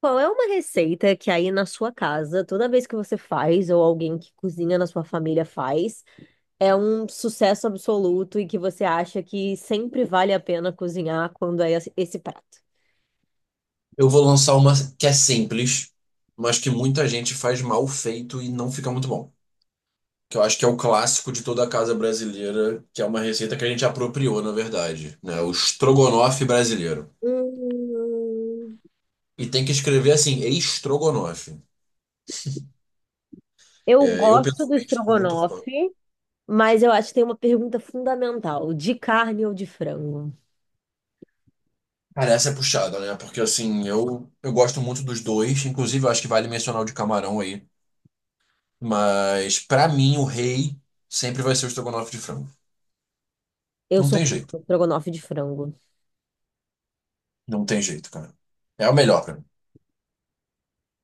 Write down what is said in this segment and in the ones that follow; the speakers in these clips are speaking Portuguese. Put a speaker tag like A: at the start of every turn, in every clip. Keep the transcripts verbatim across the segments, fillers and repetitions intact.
A: Qual é uma receita que aí na sua casa, toda vez que você faz, ou alguém que cozinha na sua família faz, é um sucesso absoluto e que você acha que sempre vale a pena cozinhar quando é esse esse prato?
B: Eu vou lançar uma que é simples, mas que muita gente faz mal feito e não fica muito bom. Que eu acho que é o clássico de toda a casa brasileira, que é uma receita que a gente apropriou, na verdade, né? O estrogonofe brasileiro.
A: Hum,
B: E tem que escrever assim, estrogonofe.
A: eu
B: É, eu,
A: gosto do
B: pessoalmente, sou muito fã.
A: estrogonofe. Mas eu acho que tem uma pergunta fundamental: de carne ou de frango?
B: Cara, essa é puxada, né? Porque, assim, eu, eu gosto muito dos dois. Inclusive, eu acho que vale mencionar o de camarão aí. Mas, pra mim, o rei sempre vai ser o estrogonofe de frango.
A: Eu
B: Não
A: sou
B: tem jeito.
A: um estrogonofe de frango.
B: Não tem jeito, cara. É o melhor.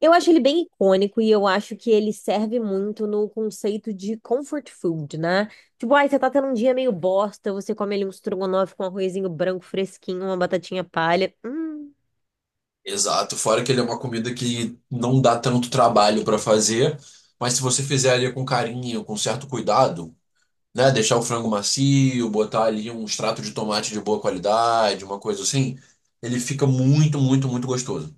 A: Eu acho ele bem icônico e eu acho que ele serve muito no conceito de comfort food, né? Tipo, ai, você tá tendo um dia meio bosta, você come ali um estrogonofe com um arrozinho branco fresquinho, uma batatinha palha. Hum.
B: Exato, fora que ele é uma comida que não dá tanto trabalho para fazer, mas se você fizer ali com carinho, com certo cuidado, né, deixar o frango macio, botar ali um extrato de tomate de boa qualidade, uma coisa assim, ele fica muito, muito, muito gostoso.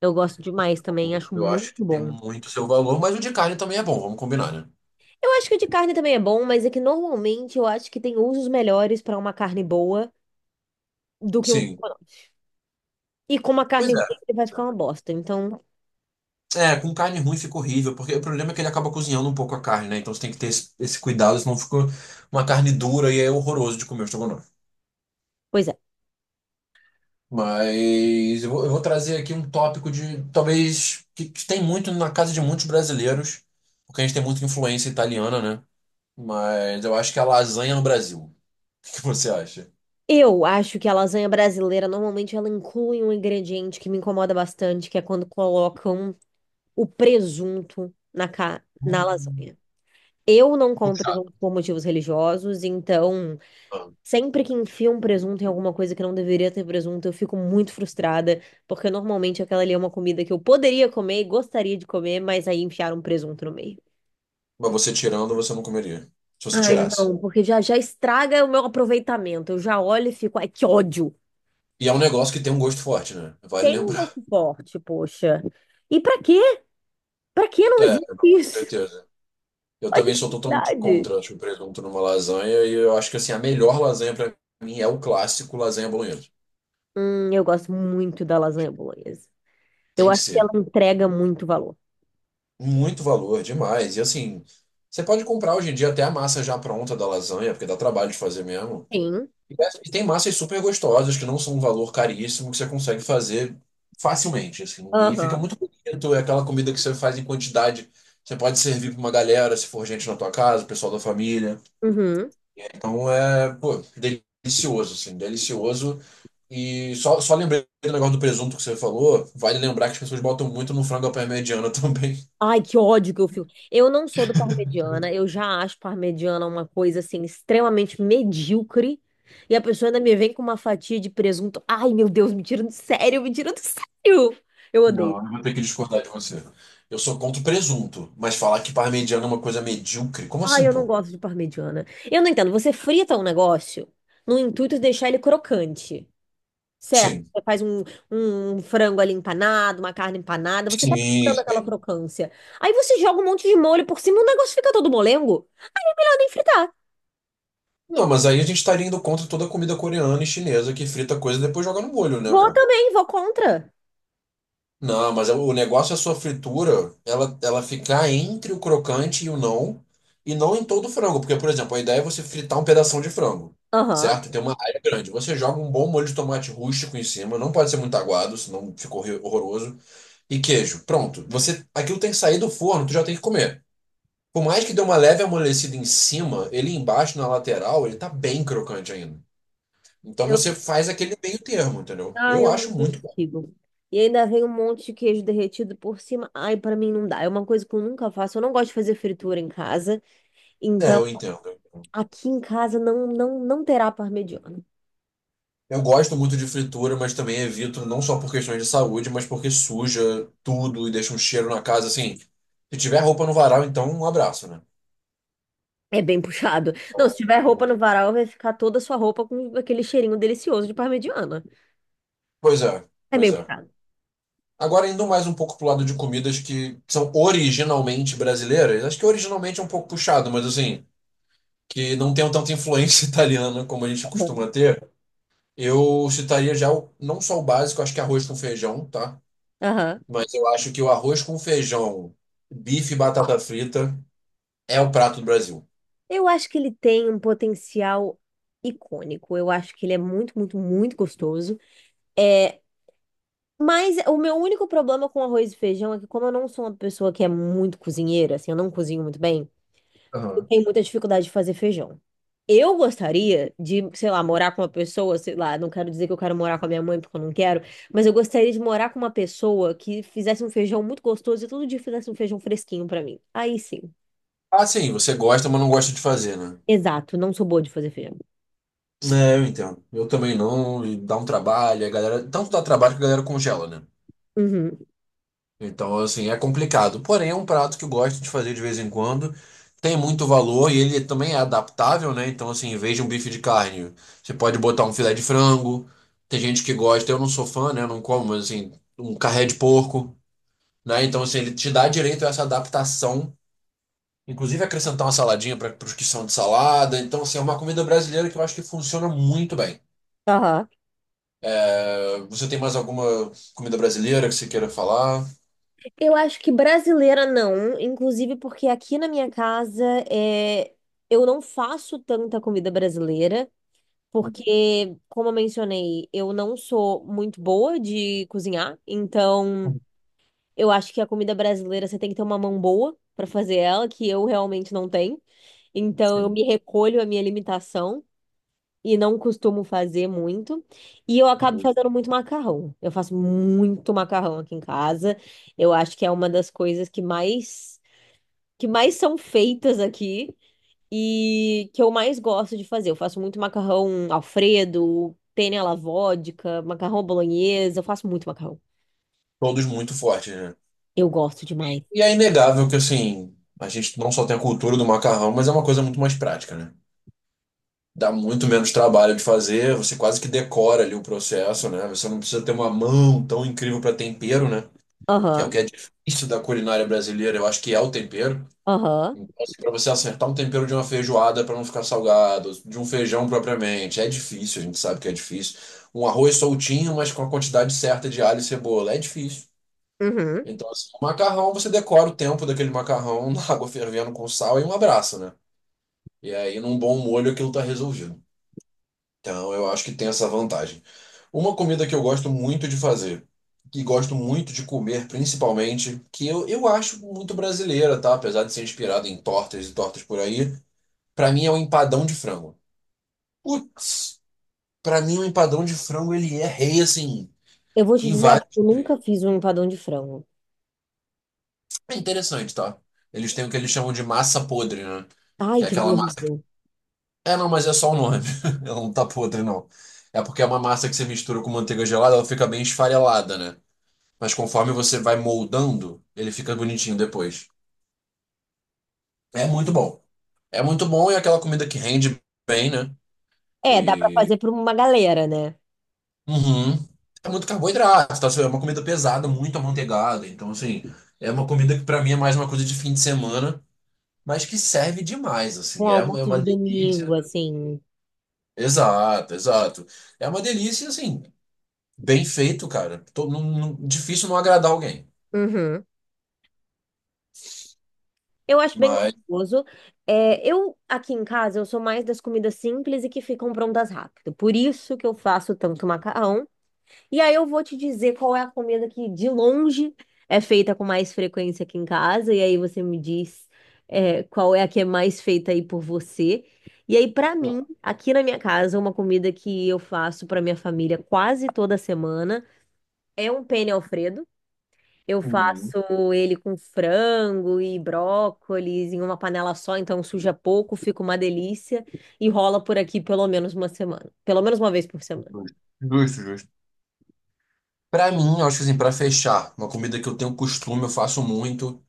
A: Eu gosto demais também, acho
B: Eu acho
A: muito
B: que tem
A: bom.
B: muito seu valor, mas o de carne também é bom, vamos combinar, né?
A: Eu acho que o de carne também é bom, mas é que normalmente eu acho que tem usos melhores pra uma carne boa do que um
B: Sim,
A: estrogonofe. E com uma carne
B: pois
A: ruim
B: é.
A: ele vai ficar uma bosta. Então,
B: É, é, com carne ruim fica horrível, porque o problema é que ele acaba cozinhando um pouco a carne, né? Então você tem que ter esse, esse cuidado, senão fica uma carne dura e é horroroso de comer o estrogonofe.
A: pois é.
B: Mas eu vou, eu vou trazer aqui um tópico de talvez que, que tem muito na casa de muitos brasileiros, porque a gente tem muita influência italiana, né? Mas eu acho que é a lasanha no Brasil. O que que você acha?
A: Eu acho que a lasanha brasileira normalmente ela inclui um ingrediente que me incomoda bastante, que é quando colocam o presunto na, ca... na
B: Hum.
A: lasanha. Eu não como
B: Puxado.
A: presunto por motivos religiosos, então
B: Ah.
A: sempre que enfiam um presunto em alguma coisa que não deveria ter presunto, eu fico muito frustrada, porque normalmente aquela ali é uma comida que eu poderia comer, e gostaria de comer, mas aí enfiaram um presunto no meio.
B: Mas você tirando, você não comeria. Se você
A: Ai,
B: tirasse.
A: não, porque já já estraga o meu aproveitamento. Eu já olho e fico, ai, que ódio.
B: E é um negócio que tem um gosto forte, né? Vale
A: Tem um
B: lembrar.
A: gosto forte, poxa. E pra quê? Pra que não
B: É,
A: existe
B: não, com
A: isso?
B: certeza. Eu
A: Olha a
B: também sou totalmente
A: necessidade.
B: contra, acho, o presunto numa lasanha. E eu acho que, assim, a melhor lasanha pra mim é o clássico lasanha bolonhesa.
A: Hum, eu gosto muito da lasanha bolonhesa. Eu
B: Tem que
A: acho que ela
B: ser.
A: entrega muito valor.
B: Muito valor, demais. E assim, você pode comprar hoje em dia até a massa já pronta da lasanha, porque dá trabalho de fazer mesmo.
A: Sim.
B: E dessa- e tem massas super gostosas, que não são um valor caríssimo, que você consegue fazer facilmente, assim. E fica
A: Aham.
B: muito bonito, é aquela comida que você faz em quantidade. Você pode servir para uma galera, se for gente na tua casa, o pessoal da família.
A: Uhum.
B: Então é, pô, delicioso, assim, delicioso. E só, só lembrei do negócio do presunto que você falou, vale lembrar que as pessoas botam muito no frango à parmegiana também.
A: Ai, que ódio que eu fico. Eu não sou do parmegiana, eu já acho parmegiana uma coisa assim extremamente medíocre. E a pessoa ainda me vem com uma fatia de presunto. Ai, meu Deus, me tira do sério, me tira do sério. Eu odeio.
B: Eu tenho que discordar de você. Eu sou contra o presunto, mas falar que parmegiana é uma coisa medíocre, como
A: Ai,
B: assim,
A: eu não
B: pô?
A: gosto de parmegiana. Eu não entendo, você frita um negócio no intuito de deixar ele crocante, certo?
B: Sim.
A: Você faz um, um frango ali empanado, uma carne empanada, você tá procurando aquela
B: Sim.
A: crocância. Aí você joga um monte de molho por cima e o negócio fica todo molengo. Ah, nem fritar.
B: Não, mas aí a gente estaria indo contra toda a comida coreana e chinesa que frita coisa e depois joga no molho, né,
A: Vou
B: pô?
A: também, vou contra.
B: Não, mas é o negócio é a sua fritura, ela, ela ficar entre o crocante e o não, e não em todo o frango, porque, por exemplo, a ideia é você fritar um pedação de frango,
A: Aham.
B: certo? Tem uma área grande. Você joga um bom molho de tomate rústico em cima, não pode ser muito aguado, senão ficou horroroso. E queijo. Pronto. Você, aquilo tem que sair do forno, tu já tem que comer. Por mais que dê uma leve amolecida em cima, ele embaixo na lateral, ele tá bem crocante ainda. Então
A: Eu,
B: você faz aquele meio termo, entendeu?
A: ah,
B: Eu
A: eu
B: acho
A: não
B: muito bom.
A: consigo. E ainda vem um monte de queijo derretido por cima. Ai, pra mim não dá. É uma coisa que eu nunca faço. Eu não gosto de fazer fritura em casa.
B: É,
A: Então,
B: eu entendo.
A: aqui em casa não não não terá parmegiana.
B: Eu gosto muito de fritura, mas também evito não só por questões de saúde, mas porque suja tudo e deixa um cheiro na casa assim. Se tiver roupa no varal, então um abraço, né?
A: É bem puxado. Não, se tiver roupa
B: Então,
A: no varal, vai ficar toda a sua roupa com aquele cheirinho delicioso de parmegiana.
B: pois é,
A: É
B: pois
A: meio
B: é.
A: puxado.
B: Agora, indo mais um pouco pro lado de comidas que são originalmente brasileiras, acho que originalmente é um pouco puxado, mas assim, que não tenham tanta influência italiana como a gente
A: Aham.
B: costuma ter, eu citaria já o- não só o básico, acho que arroz com feijão, tá?
A: Aham.
B: Mas eu acho que o arroz com feijão, bife e batata frita é o prato do Brasil.
A: Eu acho que ele tem um potencial icônico. Eu acho que ele é muito, muito, muito gostoso. É. Mas o meu único problema com arroz e feijão é que, como eu não sou uma pessoa que é muito cozinheira, assim, eu não cozinho muito bem, eu
B: Aham.
A: tenho muita dificuldade de fazer feijão. Eu gostaria de, sei lá, morar com uma pessoa, sei lá, não quero dizer que eu quero morar com a minha mãe porque eu não quero, mas eu gostaria de morar com uma pessoa que fizesse um feijão muito gostoso e todo dia fizesse um feijão fresquinho pra mim. Aí sim.
B: Ah, sim, você gosta, mas não gosta de fazer, né?
A: Exato, não sou boa de fazer feijão.
B: É, eu entendo. Eu também não, e dá um trabalho, a galera, tanto dá trabalho que a galera congela, né?
A: Uhum.
B: Então, assim, é complicado. Porém, é um prato que eu gosto de fazer de vez em quando. Tem muito valor e ele também é adaptável, né? Então, assim, em vez de um bife de carne, você pode botar um filé de frango. Tem gente que gosta, eu não sou fã, né? Eu não como, mas, assim, um carré de porco, né? Então, assim, ele te dá direito a essa adaptação. Inclusive, acrescentar uma saladinha para os que são de salada. Então, assim, é uma comida brasileira que eu acho que funciona muito bem.
A: Aham.
B: Eh, Você tem mais alguma comida brasileira que você queira falar?
A: Eu acho que brasileira não, inclusive porque aqui na minha casa é, eu não faço tanta comida brasileira, porque, como eu mencionei, eu não sou muito boa de cozinhar, então eu acho que a comida brasileira você tem que ter uma mão boa pra fazer ela, que eu realmente não tenho, então eu
B: Sim,
A: me recolho à minha limitação e não costumo fazer muito, e eu acabo
B: justo.
A: fazendo muito macarrão. Eu faço muito macarrão aqui em casa. Eu acho que é uma das coisas que mais que mais são feitas aqui e que eu mais gosto de fazer. Eu faço muito macarrão Alfredo, penne alla vodka, macarrão bolonhesa, eu faço muito macarrão.
B: Todos muito fortes, né?
A: Eu gosto demais.
B: E é inegável que, assim, a gente não só tem a cultura do macarrão, mas é uma coisa muito mais prática, né? Dá muito menos trabalho de fazer, você quase que decora ali o processo, né? Você não precisa ter uma mão tão incrível para tempero, né? Que é o
A: Aham,
B: que é difícil da culinária brasileira, eu acho que é o tempero.
A: aham,
B: Então, assim, para você acertar um tempero de uma feijoada para não ficar salgado, de um feijão propriamente, é difícil, a gente sabe que é difícil. Um arroz soltinho, mas com a quantidade certa de alho e cebola, é difícil.
A: uhum.
B: Então, assim, o macarrão, você decora o tempo daquele macarrão na água fervendo com sal e um abraço, né? E aí, num bom molho, aquilo tá resolvido. Então, eu acho que tem essa vantagem. Uma comida que eu gosto muito de fazer, que gosto muito de comer, principalmente, que eu, eu acho muito brasileira, tá? Apesar de ser inspirada em tortas e tortas por aí, pra mim é o empadão de frango. Putz, pra mim o empadão de frango, ele é rei, assim,
A: Eu vou te
B: em
A: dizer, eu acho que
B: vários
A: eu
B: níveis.
A: nunca fiz um empadão de frango.
B: É interessante, tá? Eles têm o que eles chamam de massa podre, né?
A: Ai,
B: Que é
A: que nome
B: aquela massa.
A: horrível.
B: É, não, mas é só o nome. Ela não tá podre, não. É porque é uma massa que você mistura com manteiga gelada, ela fica bem esfarelada, né? Mas conforme você vai moldando, ele fica bonitinho depois. É muito bom. É muito bom e é aquela comida que rende bem, né?
A: É, dá pra
B: E...
A: fazer pra uma galera, né?
B: Uhum. É muito carboidrato, tá? É uma comida pesada, muito amanteigada. Então, assim, é uma comida que pra mim é mais uma coisa de fim de semana, mas que serve demais,
A: Um
B: assim. É uma
A: almoço
B: é uma
A: de domingo,
B: delícia.
A: assim.
B: Exato, exato. É uma delícia, assim. Bem feito, cara. Tô- não- não- difícil não agradar alguém.
A: Uhum. Eu acho bem
B: Mas.
A: gostoso. É, eu, aqui em casa, eu sou mais das comidas simples e que ficam prontas rápido. Por isso que eu faço tanto macarrão. E aí eu vou te dizer qual é a comida que, de longe, é feita com mais frequência aqui em casa. E aí você me diz, é, qual é a que é mais feita aí por você. E aí, pra mim, aqui na minha casa, uma comida que eu faço pra minha família quase toda semana é um penne Alfredo. Eu
B: Uhum.
A: faço ele com frango e brócolis em uma panela só, então suja pouco, fica uma delícia e rola por aqui pelo menos uma semana. Pelo menos uma vez por semana.
B: Justo, justo. Pra mim, eu acho que assim, pra fechar, uma comida que eu tenho costume, eu faço muito.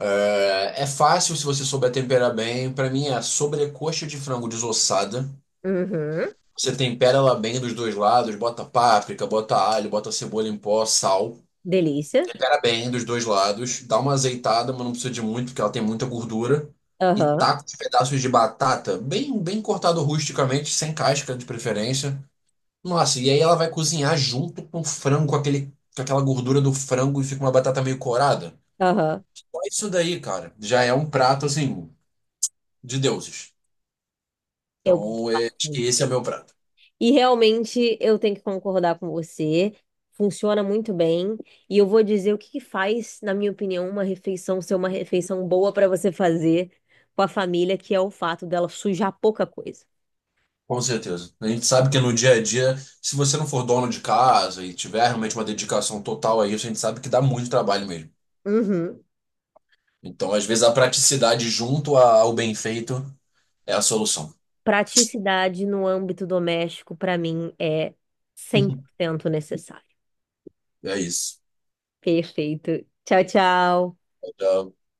B: É, é fácil se você souber temperar bem. Pra mim é a sobrecoxa de frango desossada.
A: Uhum.
B: Você tempera ela bem dos dois lados, bota páprica, bota alho, bota cebola em pó, sal.
A: Delícia.
B: Tempera bem dos dois lados, dá uma azeitada, mas não precisa de muito, porque ela tem muita gordura. E
A: Aham,
B: taca os pedaços de batata, bem, bem cortado rusticamente, sem casca de preferência. Nossa, e aí ela vai cozinhar junto com o frango, com aquele, com aquela gordura do frango e fica uma batata meio corada.
A: aham.
B: Só isso daí, cara, já é um prato, assim, de deuses.
A: Eu gosto
B: Então, é, acho que esse
A: bastante.
B: é meu prato.
A: E realmente eu tenho que concordar com você. Funciona muito bem. E eu vou dizer o que que faz, na minha opinião, uma refeição ser uma refeição boa para você fazer com a família, que é o fato dela sujar pouca coisa.
B: Com certeza. A gente sabe que no dia a dia, se você não for dono de casa e tiver realmente uma dedicação total a isso, a gente sabe que dá muito trabalho mesmo.
A: Uhum.
B: Então, às vezes, a praticidade junto a- ao bem feito é a solução.
A: Praticidade no âmbito doméstico, para mim, é cem por cento necessário.
B: É isso.
A: Perfeito. Tchau, tchau.